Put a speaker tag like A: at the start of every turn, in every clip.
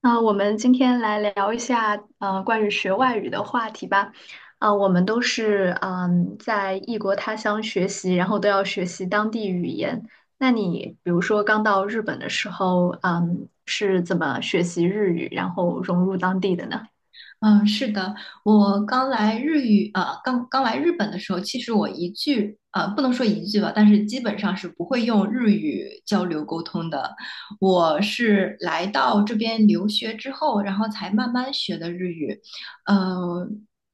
A: 那我们今天来聊一下，关于学外语的话题吧。我们都是在异国他乡学习，然后都要学习当地语言。那你比如说刚到日本的时候，嗯，是怎么学习日语，然后融入当地的呢？
B: 嗯，是的，我刚来日语，刚刚来日本的时候，其实我一句，不能说一句吧，但是基本上是不会用日语交流沟通的。我是来到这边留学之后，然后才慢慢学的日语，呃，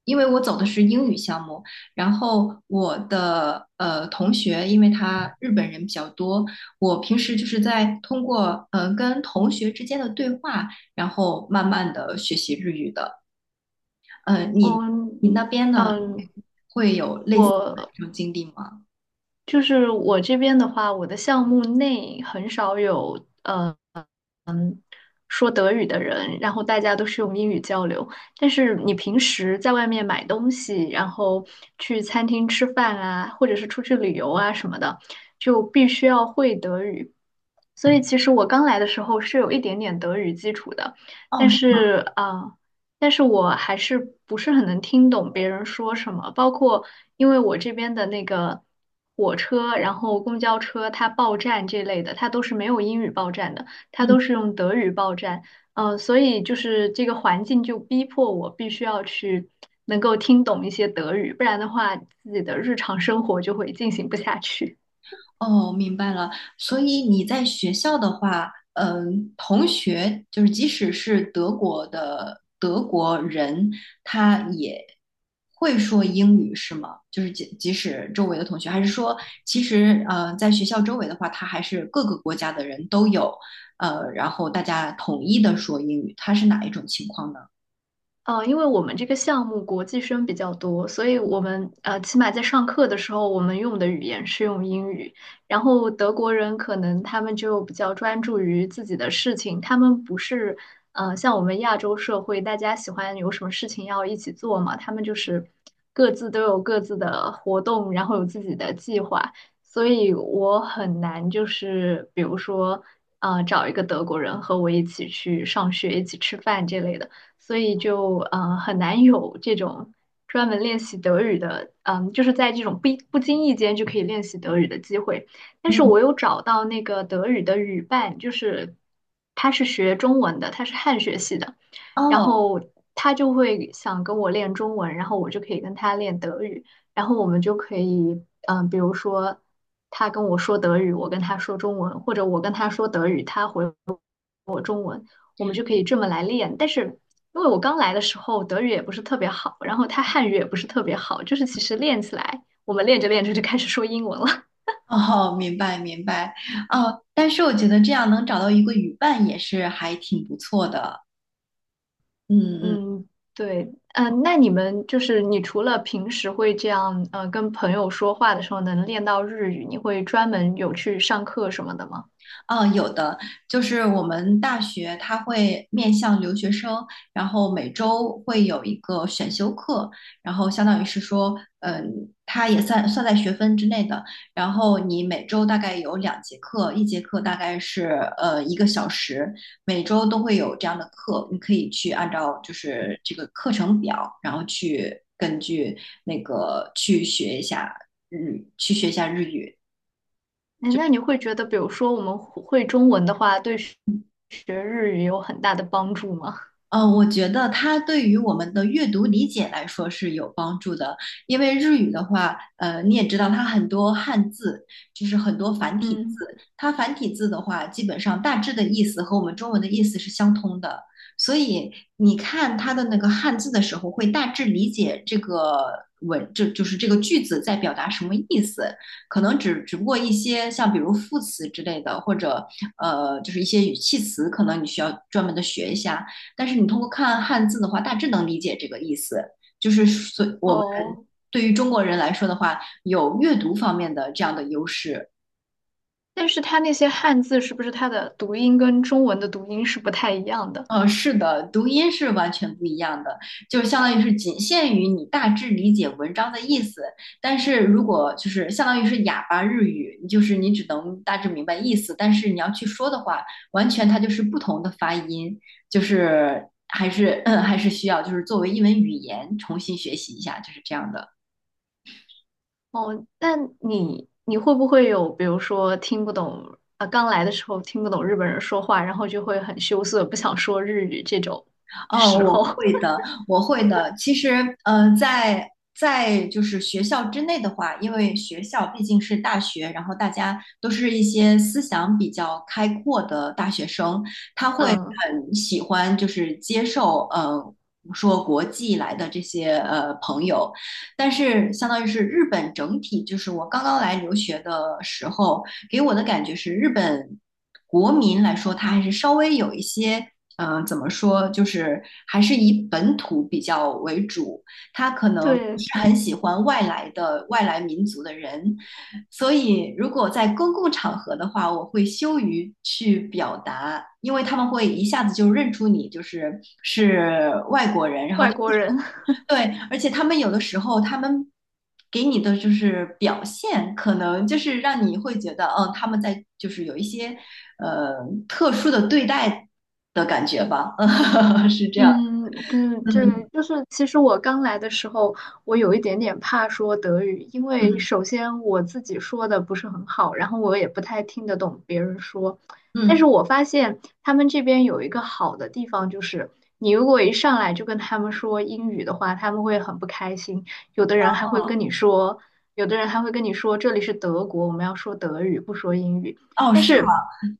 B: 因为我走的是英语项目，然后我的同学，因为他日本人比较多，我平时就是在通过跟同学之间的对话，然后慢慢的学习日语的。你
A: 嗯
B: 你那边呢
A: 嗯，
B: 会有类似的
A: 我
B: 这种经历吗？
A: 就是我这边的话，我的项目内很少有。说德语的人，然后大家都是用英语交流。但是你平时在外面买东西，然后去餐厅吃饭啊，或者是出去旅游啊什么的，就必须要会德语。所以其实我刚来的时候是有一点点德语基础的，
B: 哦，
A: 但
B: 是吗？
A: 是但是我还是不是很能听懂别人说什么，包括因为我这边的那个火车，然后公交车它报站这类的，它都是没有英语报站的。它
B: 嗯，
A: 都是用德语报站，所以就是这个环境就逼迫我必须要去能够听懂一些德语，不然的话，自己的日常生活就会进行不下去。
B: 哦，明白了。所以你在学校的话，嗯、同学就是即使是德国的德国人，他也会说英语是吗？就是即使周围的同学，还是说其实在学校周围的话，他还是各个国家的人都有，然后大家统一的说英语，他是哪一种情况呢？
A: 因为我们这个项目国际生比较多，所以我们起码在上课的时候，我们用的语言是用英语。然后德国人可能他们就比较专注于自己的事情，他们不是像我们亚洲社会，大家喜欢有什么事情要一起做嘛，他们就是各自都有各自的活动，然后有自己的计划，所以我很难就是比如说找一个德国人和我一起去上学、一起吃饭这类的。所以就嗯很难有这种专门练习德语的，嗯，就是在这种不经意间就可以练习德语的机会。但是
B: 嗯，
A: 我有找到那个德语的语伴，就是他是学中文的，他是汉学系的，然
B: 哦。
A: 后他就会想跟我练中文，然后我就可以跟他练德语，然后我们就可以，嗯，比如说他跟我说德语，我跟他说中文，或者我跟他说德语，他回我们就可以这么来练。但是因为我刚来的时候德语也不是特别好，然后他汉语也不是特别好，就是其实练起来，我们练着练着就开始说英文了。
B: 哦，明白明白，哦，但是我觉得这样能找到一个语伴也是还挺不错的，嗯嗯。
A: 嗯，对，嗯，那你们就是你除了平时会这样，跟朋友说话的时候能练到日语，你会专门有去上课什么的吗？
B: 啊，有的，就是我们大学它会面向留学生，然后每周会有一个选修课，然后相当于是说，嗯，它也算在学分之内的。然后你每周大概有两节课，一节课大概是一个小时，每周都会有这样的课，你可以去按照就是这个课程表，然后去根据那个去学一下日，去学一下日语。
A: 哎，那你会觉得，比如说我们会中文的话，对学日语有很大的帮助吗？
B: 我觉得它对于我们的阅读理解来说是有帮助的，因为日语的话，你也知道它很多汉字，就是很多繁体字，
A: 嗯，
B: 它繁体字的话，基本上大致的意思和我们中文的意思是相通的，所以你看它的那个汉字的时候，会大致理解这个文，这就是这个句子在表达什么意思，可能只不过一些像比如副词之类的，或者就是一些语气词，可能你需要专门的学一下。但是你通过看汉字的话，大致能理解这个意思。就是所我们
A: 哦。
B: 对于中国人来说的话，有阅读方面的这样的优势。
A: 但是它那些汉字是不是它的读音跟中文的读音是不太一样的？
B: 是的，读音是完全不一样的，就是相当于是仅限于你大致理解文章的意思。但是如果就是相当于是哑巴日语，就是你只能大致明白意思，但是你要去说的话，完全它就是不同的发音，就是还是还是需要就是作为一门语言重新学习一下，就是这样的。
A: 哦，那你你会不会有，比如说听不懂，啊，刚来的时候听不懂日本人说话，然后就会很羞涩，不想说日语这种
B: 哦，
A: 时
B: 我
A: 候？
B: 会 的，我会的。其实，在就是学校之内的话，因为学校毕竟是大学，然后大家都是一些思想比较开阔的大学生，他会
A: 嗯，
B: 很喜欢就是接受说国际来的这些朋友，但是相当于是日本整体，就是我刚刚来留学的时候，给我的感觉是日本国民来说，他还是稍微有一些怎么说，就是还是以本土比较为主，他可能不
A: 对，
B: 是很喜欢外来的外来民族的人，所以如果在公共场合的话，我会羞于去表达，因为他们会一下子就认出你就是是外国人，然后。
A: 外国人。
B: 对，而且他们有的时候，他们给你的就是表现，可能就是让你会觉得，嗯，他们在就是有一些呃特殊的对待的感觉吧，嗯，是这样
A: 嗯，对
B: 的，嗯
A: 对，就是其实我刚来的时候，我有一点点怕说德语，因为
B: 嗯
A: 首先我自己说的不是很好，然后我也不太听得懂别人说。但
B: 嗯，
A: 是我发现他们这边有一个好的地方，就是你如果一上来就跟他们说英语的话，他们会很不开心。有的人还会跟
B: 嗯
A: 你说，有的人还会跟你说这里是德国，我们要说德语，不说英语。
B: 哦，
A: 但
B: 是吗？
A: 是，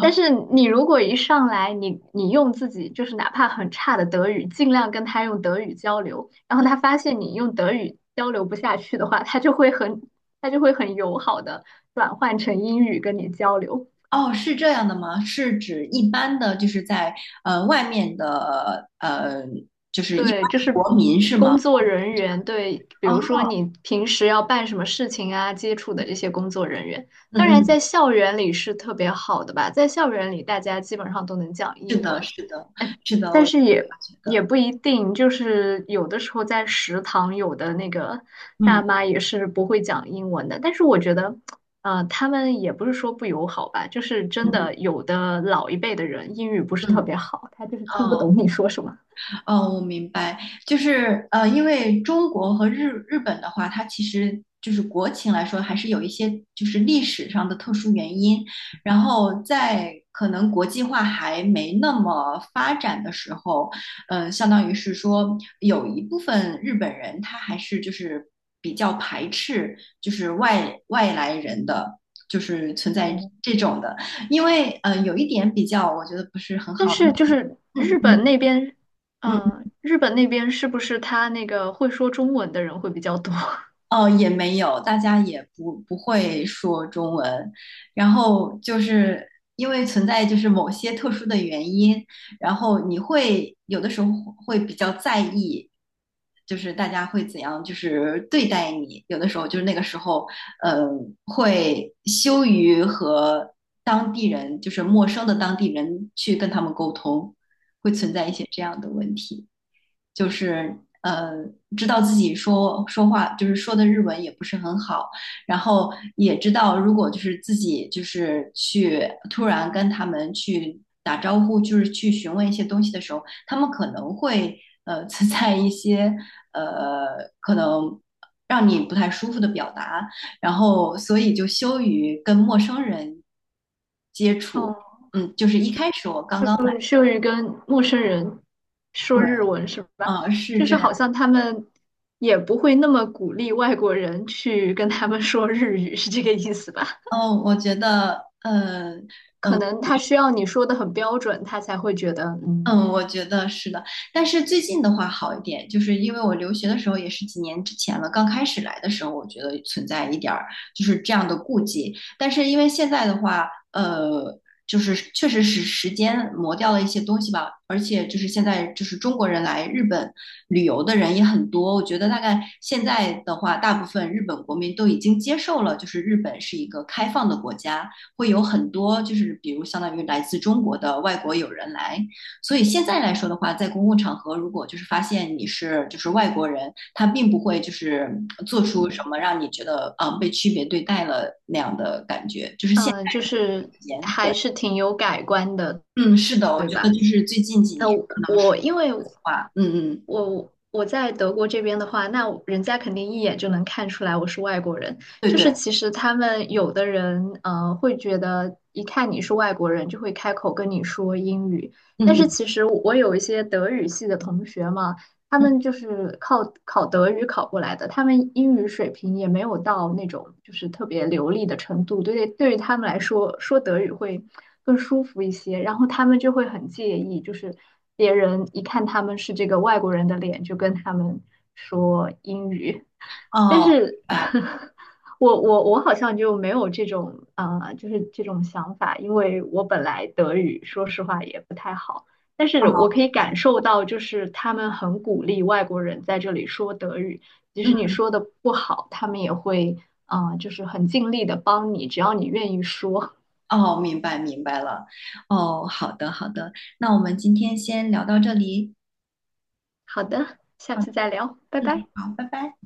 A: 但是你如果一上来，你你用自己就是哪怕很差的德语，尽量跟他用德语交流，然后他发现你用德语交流不下去的话，他就会很友好的转换成英语跟你交流。
B: 哦，是这样的吗？是指一般的，就是在外面的就是一般
A: 对，就
B: 的
A: 是
B: 国民是吗？
A: 工作人员对，比
B: 啊，
A: 如说你平时要办什么事情啊，接触的这些工作人员，
B: 嗯
A: 当然
B: 嗯，
A: 在校园里是特别好的吧，在校园里大家基本上都能讲
B: 是
A: 英
B: 的，
A: 文。
B: 是的，是的，我
A: 但
B: 也
A: 是也
B: 觉
A: 也
B: 得，
A: 不一定，就是有的时候在食堂，有的那个大
B: 嗯
A: 妈也是不会讲英文的。但是我觉得，他们也不是说不友好吧，就是真
B: 嗯
A: 的有的老一辈的人英语不是特
B: 嗯，
A: 别好，他就是听不
B: 哦。
A: 懂你说什么。
B: 哦，我明白，就是因为中国和日本的话，它其实就是国情来说，还是有一些就是历史上的特殊原因，然后在可能国际化还没那么发展的时候，嗯、相当于是说有一部分日本人他还是就是比较排斥就是外来人的，就是存在
A: 哦
B: 这种的，因为有一点比较，我觉得不是很
A: 但
B: 好，
A: 是就是
B: 嗯嗯
A: 日本
B: 嗯。
A: 那边，日本那边是不是他那个会说中文的人会比较多？
B: 哦，也没有，大家也不会说中文，然后就是因为存在就是某些特殊的原因，然后你会有的时候会比较在意，就是大家会怎样就是对待你，有的时候就是那个时候，嗯，会羞于和当地人，就是陌生的当地人去跟他们沟通，会存在一些这样的问题。就是呃，知道自己说话就是说的日文也不是很好，然后也知道如果就是自己就是去突然跟他们去打招呼，就是去询问一些东西的时候，他们可能会存在一些呃可能。让你不太舒服的表达，然后所以就羞于跟陌生人接触。
A: 哦，
B: 嗯，就是一开始我刚刚来，
A: 论用于跟陌生人说
B: 对，
A: 日文是吧？
B: 嗯，是
A: 就
B: 这
A: 是
B: 样。
A: 好像他们也不会那么鼓励外国人去跟他们说日语，是这个意思吧？
B: 嗯，我觉得，
A: 可
B: 呃
A: 能他需要你说的很标准，他才会觉得嗯
B: 嗯，我觉得是的，但是最近的话好一点，就是因为我留学的时候也是几年之前了，刚开始来的时候，我觉得存在一点儿就是这样的顾忌，但是因为现在的话，就是确实是时间磨掉了一些东西吧，而且就是现在就是中国人来日本旅游的人也很多，我觉得大概现在的话，大部分日本国民都已经接受了，就是日本是一个开放的国家，会有很多就是比如相当于来自中国的外国友人来。所以现在来说的话，在公共场合，如果就是发现你是就是外国人，他并不会就是做出什
A: 嗯
B: 么让你觉得啊、被区别对待了那样的感觉，就是
A: 嗯，
B: 现
A: 就
B: 在
A: 是
B: 之间，
A: 还
B: 对，
A: 是挺有改观的，
B: 嗯，是的，我
A: 对
B: 觉得
A: 吧？
B: 就是最近几
A: 呃，
B: 年
A: 我
B: 可能是
A: 我因为
B: 话，嗯嗯，
A: 我在德国这边的话，那我人家肯定一眼就能看出来我是外国人。
B: 对
A: 就
B: 对，
A: 是其实他们有的人，会觉得一看你是外国人，就会开口跟你说英语。但
B: 嗯
A: 是
B: 嗯
A: 其实我有一些德语系的同学嘛，他
B: 嗯，
A: 们就是靠考德语考过来的，他们英语水平也没有到那种就是特别流利的程度，对于他们来说，说德语会更舒服一些，然后他们就会很介意，就是别人一看他们是这个外国人的脸，就跟他们说英语，但
B: 哦，
A: 是
B: 明白，
A: 我好像就没有这种就是这种想法，因为我本来德语说实话也不太好。但
B: 哦，
A: 是我可
B: 明
A: 以
B: 白，
A: 感受到，就是他们很鼓励外国人在这里说德语，即使你
B: 嗯，
A: 说的不好，他们也会就是很尽力的帮你，只要你愿意说。
B: 哦，明白明白了，哦，好的好的，那我们今天先聊到这里，
A: 好的，下
B: 好，
A: 次再聊，拜
B: 嗯，
A: 拜。
B: 好，拜拜。